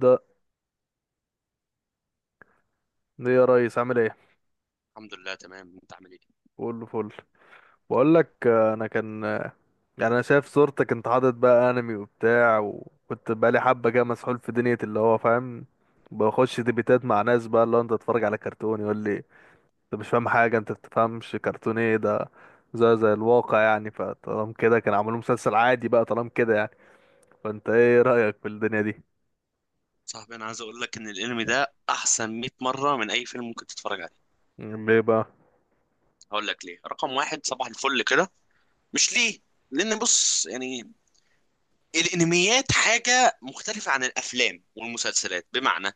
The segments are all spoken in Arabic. ده ليه يا ريس عامل ايه؟ الحمد لله، تمام. انت عامل ايه؟ كله فل. بقول لك انا كان يعني انا شايف صورتك انت حاطط بقى انمي وبتاع، وكنت بقى لي حبه كده مسحول في دنيا اللي هو فاهم. بخش ديبيتات مع ناس بقى اللي هو انت تتفرج على كرتون، يقول لي انت مش فاهم حاجه، انت بتفهمش كرتون ايه ده، زي الواقع يعني. فطالما كده كان عملوا مسلسل عادي بقى طالما كده يعني. فانت ايه رايك في الدنيا دي؟ صاحبي، انا عايز اقول لك ان الانمي ده احسن 100 مره من اي فيلم ممكن تتفرج عليه. ليه بقى؟ هقول لك ليه. رقم واحد، صباح الفل كده. مش ليه. لان بص، يعني الانميات حاجه مختلفه عن الافلام والمسلسلات، بمعنى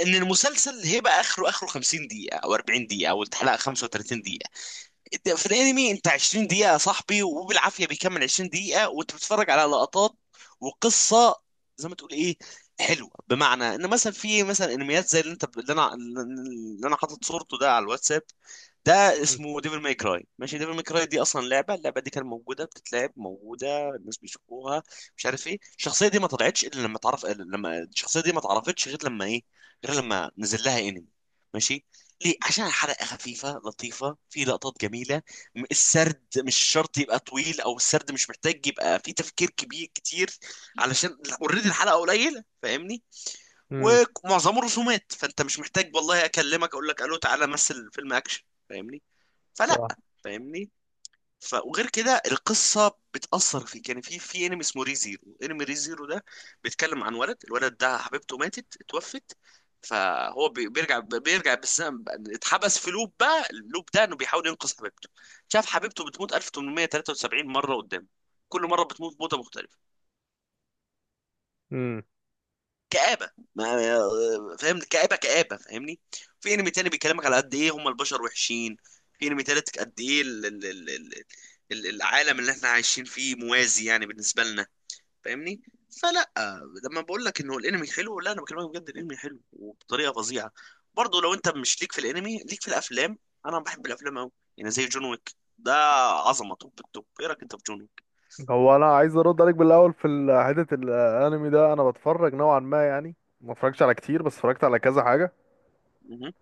ان المسلسل هيبقى اخره 50 دقيقه او 40 دقيقه او الحلقه 35 دقيقه. انت في الانمي انت 20 دقيقة يا صاحبي، وبالعافية بيكمل 20 دقيقة وانت بتتفرج على لقطات وقصة زي ما تقول ايه، حلوة. بمعنى ان مثلا في مثلا انميات زي اللي انا حاطط صورته ده على الواتساب. ده اسمه ديفل ماي كراي، ماشي. ديفل ماي كراي دي اصلا لعبه، اللعبه دي كانت موجوده بتتلعب، موجوده، الناس بيشوفوها، مش عارف ايه. الشخصيه دي ما طلعتش الا لما تعرف، لما الشخصيه دي ما اتعرفتش غير لما ايه، غير لما نزل لها انمي. ماشي. ليه؟ عشان الحلقه خفيفه لطيفه، في لقطات جميله. السرد مش شرط يبقى طويل، او السرد مش محتاج يبقى فيه تفكير كبير كتير، علشان اوريدي الحلقه قليله، فاهمني؟ ومعظمه رسومات، فانت مش محتاج والله اكلمك اقول لك الو تعالى مثل فيلم اكشن. فاهمني؟ فلا. فاهمني؟ وغير كده القصه بتاثر فيك. يعني في انمي اسمه ريزيرو، انمي ريزيرو ده بيتكلم عن ولد، الولد ده حبيبته ماتت، اتوفت، فهو بيرجع بالزمن، اتحبس في لوب، بقى اللوب ده انه بيحاول ينقذ حبيبته. شاف حبيبته بتموت 1873 مره قدام، كل مره بتموت موته مختلفه. امم كآبة، ما فاهم؟ كآبة كآبة، فاهمني؟ في انمي تاني بيكلمك على قد ايه هم البشر وحشين. في انمي تالت، قد ايه العالم اللي احنا عايشين فيه موازي يعني بالنسبة لنا. فاهمني؟ فلا. لما بقول لك انه الانمي حلو، لا انا بكلمك بجد، الانمي حلو وبطريقة فظيعة. برضه لو انت مش ليك في الانمي، ليك في الافلام. انا بحب الافلام قوي. يعني زي جون ويك ده، عظمة، توب التوب. ايه رايك انت في جون ويك؟ هو انا عايز ارد عليك بالاول في حته الانمي ده. انا بتفرج نوعا ما يعني، ما اتفرجتش على كتير بس اتفرجت على كذا حاجه. مهم.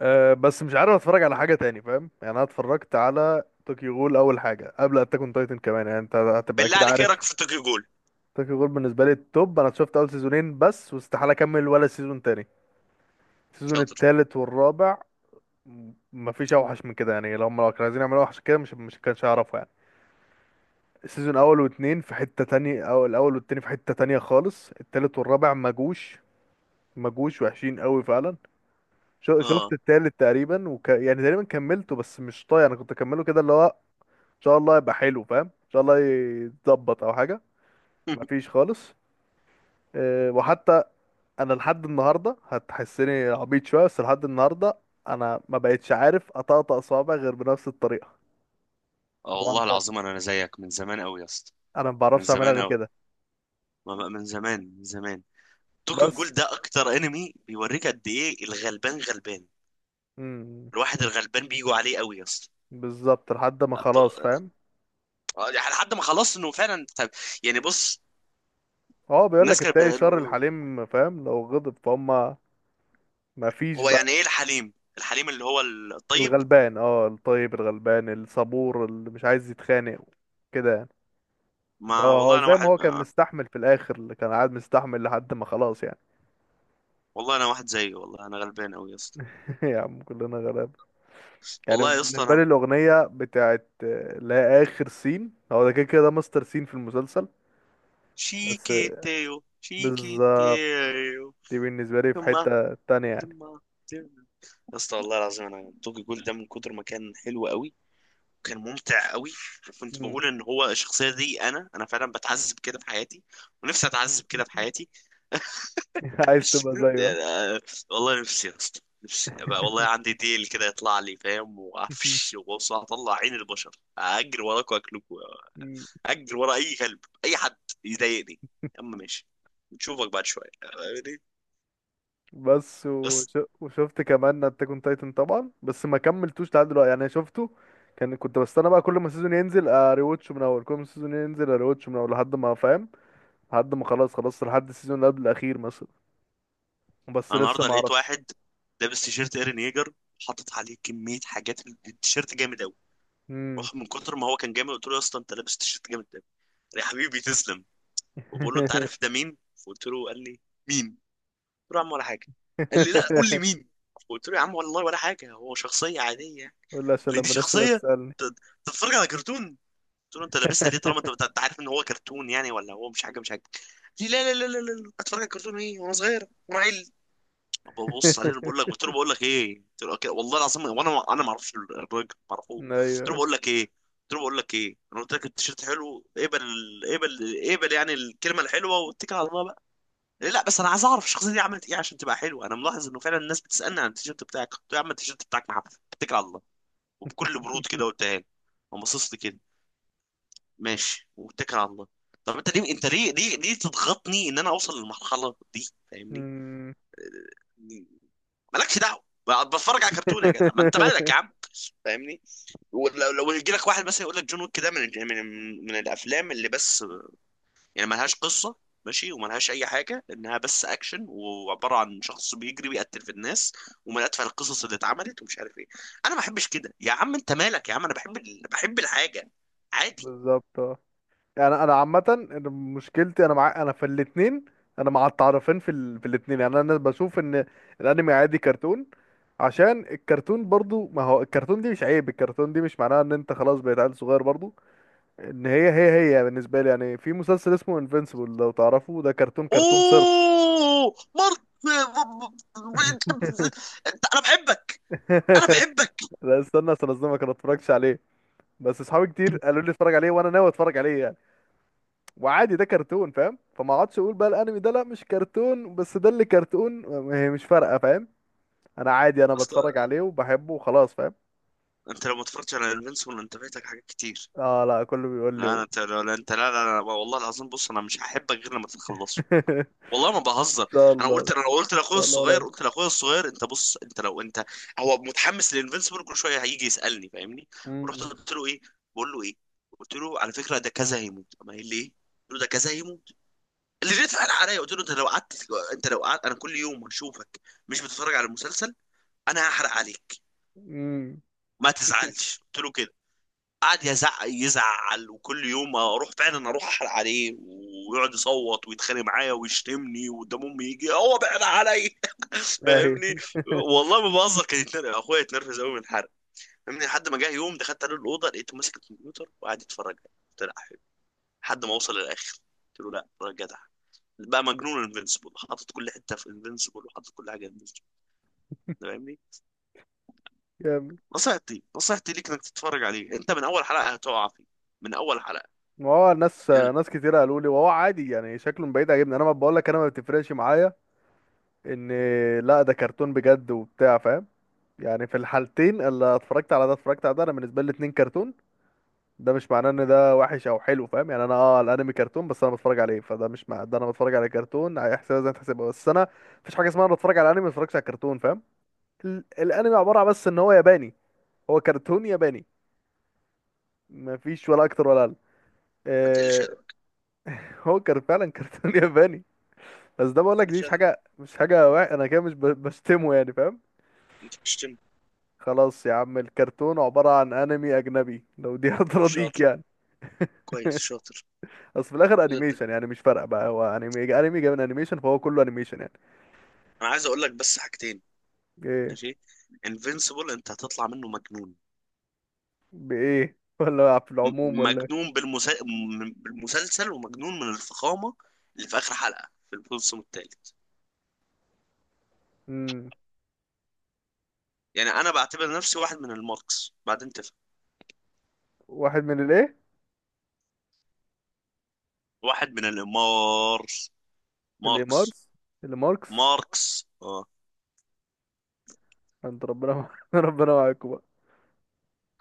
أه، بس مش عارف اتفرج على حاجه تاني فاهم يعني. انا اتفرجت على طوكيو غول اول حاجه، قبل اتاك اون تايتن كمان، يعني انت هتبقى بالله اكيد عليك، ايه رايك عارف. في توكيو جول؟ طوكيو غول بالنسبه لي التوب. انا شفت اول سيزونين بس واستحاله اكمل ولا سيزون تاني، السيزون شاطر. التالت والرابع. مفيش اوحش من كده يعني. لو هم لو كانوا عايزين يعملوا اوحش كده، مش كانش هيعرفوا يعني. سيزون اول واتنين في حتة تانية، او الاول والتاني في حتة تانية خالص، التالت والرابع مجوش وحشين قوي فعلا. شفت اه. التالت تقريبا يعني تقريبا كملته، بس مش طايق. انا كنت اكمله كده اللي هو ان شاء الله يبقى حلو فاهم، ان شاء الله يتظبط او حاجة. مفيش خالص. أه، وحتى انا لحد النهاردة هتحسني عبيط شوية، بس لحد النهاردة انا ما بقتش عارف اطقطق صوابع غير بنفس الطريقة. اه طبعا والله العظيم انا زيك من زمان قوي يا اسطى. انا ما من بعرفش اعملها زمان غير قوي. كده. من زمان. من زمان. توكيو جول بس. ده اكتر انمي بيوريك، قد ايه الغلبان غلبان. امم. الواحد الغلبان بيجوا عليه قوي يا اسطى. بالظبط لحد ما خلاص عبد- فاهم. يعني لحد ما خلاص انه فعلا، طب يعني بص، اه، بيقول الناس لك كانت التاي شر بيقولوا الحليم فاهم لو غضب فهم. ما فيش هو يعني ايه بقى. الحليم؟ الحليم اللي هو الطيب. الغلبان، اه الطيب الغلبان الصبور اللي مش عايز يتخانق كده يعني. لا، ما هو والله انا زي ما هو واحد كان آه، مستحمل في الاخر، اللي كان قاعد مستحمل لحد ما خلاص يعني. والله انا واحد زيه، والله انا غلبان قوي يا اسطى. يا عم كلنا غلاب. يعني والله يا اسطى بالنسبه انا، لي الاغنيه بتاعت لا، اخر سين، هو ده كده كده ده مستر سين في المسلسل. بس. شيكيتيو بالظبط. شيكيتيو. دي بالنسبه لي في تما، حته تانية يعني. تما. يا اسطى والله العظيم انا، توكي جول ده من كتر ما كان حلو قوي، وكان ممتع قوي. وكنت مم. بقول ان هو الشخصيه دي انا فعلا بتعذب كده في حياتي، ونفسي اتعذب كده في حياتي. عايز تبقى زيه؟ والله نفسي يا اسطى، نفسي أبقى والله عندي ديل كده يطلع لي، فاهم؟ ها؟ وعفش، وبص، هطلع عين البشر، اجري وراك واكلكوا، اجري ورا اي كلب، اي حد يضايقني. يا عم ماشي، نشوفك بعد شويه. بس بس. وشفت كمان اتاك اون تايتن طبعا، بس ما كملتوش لحد دلوقتي يعني. شفته، كان كنت بستنى بقى كل ما السيزون ينزل اريواتش من اول، كل ما السيزون ينزل اريواتش من اول لحد ما فاهم، لحد ما خلاص خلاص لحد السيزون اللي قبل الاخير مثلا. بس انا لسه النهارده ما لقيت اعرفش. واحد لابس تيشيرت ايرن ييجر، حاطط عليه كميه حاجات من التيشيرت جامد قوي، امم. روح. من كتر ما هو كان جامد، قلت له يا اسطى انت لابس تيشيرت جامد قوي. يا حبيبي تسلم. وبقول له، انت عارف ده مين؟ فقلت له، قال لي مين؟ قلت له يا عم ولا حاجه. قال لي، لا قول لي مين. قلت له يا عم والله ولا حاجه، هو شخصيه عاديه، قول لي عشان اللي دي لما الناس تبقى شخصيه، تسالني. ت- تتفرج على كرتون. قلت له، انت لابسها ليه طالما انت انت عارف ان هو كرتون؟ يعني ولا هو مش حاجه، مش حاجه. قال لي لا لا لا لا لا لا، اتفرج على كرتون ايه وانا صغير وانا عيل. ببص عليه بقول لك، قلت له بقول لك ايه، قلت له أوكي، والله العظيم وانا ما اعرفش الراجل، ما اعرفوش. ايوه. قلت له أيوة. بقول لك ايه، قلت له بقول لك ايه، انا قلت لك التيشيرت حلو، اقبل. اقبل اقبل، يعني الكلمه الحلوه واتكل على الله بقى. لا بس انا عايز اعرف الشخصيه دي عملت ايه عشان تبقى حلوه، انا ملاحظ انه فعلا الناس بتسالني عن التيشيرت بتاعك. قلت له يا عم، التيشيرت بتاعك محفل، اتكل على الله. وبكل برود كده قلتها له. قام باصص لي كده، ماشي واتكل على الله. طب انت ليه، انت ليه ليه ليه تضغطني ان انا اوصل للمرحله دي؟ فاهمني؟ مم. مالكش دعوه، ما بتفرج على كرتون يا جدع، ما انت مالك يا عم. فاهمني؟ ولو يجي لك واحد مثلا يقول لك، جون ويك ده من من الافلام اللي بس، يعني ملهاش قصه، ماشي، وملهاش اي حاجه، انها بس اكشن، وعباره عن شخص بيجري بيقتل في الناس، ومن اتفه القصص اللي اتعملت ومش عارف ايه. انا ما بحبش كده، يا عم انت مالك يا عم، انا بحب بحب الحاجه عادي. بالظبط. انا عامه. أنا مشكلتي انا مع انا في الاثنين. انا مع التعرفين في في الاثنين يعني. انا بشوف ان الانمي عادي كرتون. عشان الكرتون برضو، ما هو الكرتون دي مش عيب، الكرتون دي مش معناها ان انت خلاص بقيت عيل صغير برضو. ان هي بالنسبه لي يعني في مسلسل اسمه انفينسيبل لو تعرفه، ده كرتون كرتون صرف. اوه مرت، انت، انا بحبك. انا بحبك. لا استنى استنى، اصدمك، انا ما اتفرجتش عليه. بس اصحابي كتير قالوا لي اتفرج عليه وانا ناوي اتفرج عليه. وعادي، ده كرتون فاهم. فما اقعدش اقول بقى الانمي ده لا مش كرتون بس ده اللي كرتون. هي مش فارقه فاهم. انا عادي انا أصل بتفرج عليه وبحبه وخلاص فاهم. انت لو ما اتفرجتش على انفينسيبل، انت فايتك حاجات كتير. اه لا، كله بيقول لا لي أنا- انت لا لا- انت لا لا, لا والله العظيم، بص انا مش هحبك غير لما تخلصه. والله ما ان بهزر. شاء انا الله، ان قلت انا قلت لاخويا شاء الله الصغير قريب. قلت لاخويا الصغير انت بص انت لو انت، هو متحمس للانفينسيبل كل شويه هيجي يسالني، فاهمني؟ ورحت امم. قلت له ايه، بقول له ايه، قلت له على فكره ده كذا هيموت. اما قال لي ايه، قلت له ده كذا هيموت اللي جيت قال عليا. قلت له انت لو قعدت انا كل يوم هشوفك مش بتتفرج على المسلسل، انا هحرق عليك. امم. ما تزعلش، قلت له كده. قعد يزعق يزعل، وكل يوم اروح فعلا اروح احرق عليه، ويقعد يصوت ويتخانق معايا ويشتمني، وقدام امي يجي هو بعد عليا. اهي. فاهمني؟ والله ما بهزر، كان يتنرفز اخويا، يتنرفز قوي من الحرق. فاهمني؟ لحد ما جه يوم دخلت عليه الاوضه لقيته ماسك الكمبيوتر وقاعد يتفرج عليه، قلت له لا، حلو، لحد ما اوصل للاخر. قلت له، لا راجع جدع. بقى مجنون انفنسبل، حاطط كل حته في انفنسبل، وحاطط كل حاجه انفنسبل. فاهمني؟ جامد. نصيحتي، ليك انك تتفرج عليه، انت من اول حلقه هتقع فيه. من اول حلقه. ما هو ناس يعني ناس كتير قالوا لي، وهو عادي يعني شكله من بعيد عاجبني. انا ما بقول لك انا ما بتفرقش معايا ان لا ده كرتون بجد وبتاع فاهم يعني. في الحالتين اللي اتفرجت على ده اتفرجت على ده، انا بالنسبه لي الاتنين كرتون. ده مش معناه ان ده وحش او حلو فاهم يعني. انا اه الانمي كرتون بس انا بتفرج عليه، فده مش مع ده. انا بتفرج على كرتون هيحسبها زي ما تحسبها. بس انا مفيش حاجه اسمها انا بتفرج على انمي ما بتفرجش على كرتون فاهم. الانمي عباره عن بس ان هو ياباني. هو كرتون ياباني، مفيش ولا اكتر ولا اقل. ما تقلش آه. ادب. هو كان فعلا كرتون ياباني. بس ده بقول ده لك اللي دي مش شاطر، حاجه مش حاجه انا كده مش بشتمه يعني فاهم. انت بتشتم. خلاص يا عم الكرتون عباره عن انمي اجنبي لو دي هترضيك شاطر. يعني. كويس، شاطر. بس في الاخر ده انت، انيميشن يعني. مش فارقه بقى، هو انمي. انمي جاي من انيميشن فهو كله انيميشن يعني. انا عايز اقول لك بس حاجتين. ايه ماشي. انفينسيبل انت هتطلع منه مجنون، بايه ولا في العموم م- ولا إيه؟ مجنون بالمسلسل، ومجنون من الفخامه اللي في اخر حلقه في الموسم الثالث. امم. يعني انا بعتبر نفسي واحد من الماركس، بعدين تفهم. واحد من الايه؟ واحد من ماركس. الامارس. الماركس. ماركس، اه. انت ربنا ربنا معاكم بقى.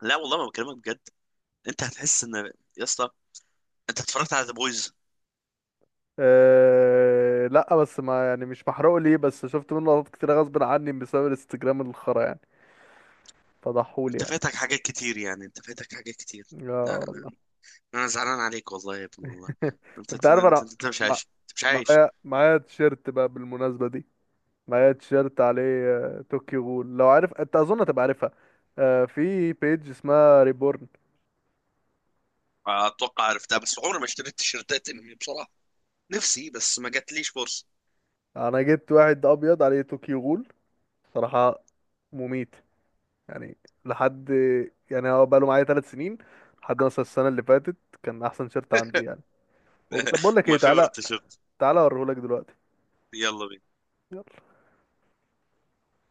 لا والله ما بكلمك بجد، انت هتحس ان، يا اسطى انت اتفرجت على ذا بويز؟ أه لا، بس ما يعني مش محروق ليه، بس شفت منه لقطات كتير غصب عني بسبب الانستجرام الخرا يعني. فضحولي انت يعني. فاتك حاجات كتير، يعني انت فاتك حاجات كتير. لا يا لا، الله. انا زعلان عليك والله يا ابني، والله انت انت انت عارف انت, انا انت مش مع- عايش، انت مش عايش. معايا تيشيرت بقى بالمناسبة دي. معايا تيشيرت عليه طوكيو غول، لو عارف انت اظن هتبقى عارفها. في بيج اسمها ريبورن. اتوقع عرفتها، بس عمري ما اشتريت تيشيرتات انمي بصراحه، نفسي بس ما جاتليش فرصه. انا جبت واحد ابيض عليه طوكيو غول صراحه مميت يعني. لحد، يعني هو بقاله معايا 3 سنين لحد مثلا السنه اللي فاتت كان احسن شيرت عندي يعني. طب بقول لك ايه، ماي تعالى. فيفرت تيشيرت. تعالى اوريهولك دلوقتي. يلا بينا. يلا.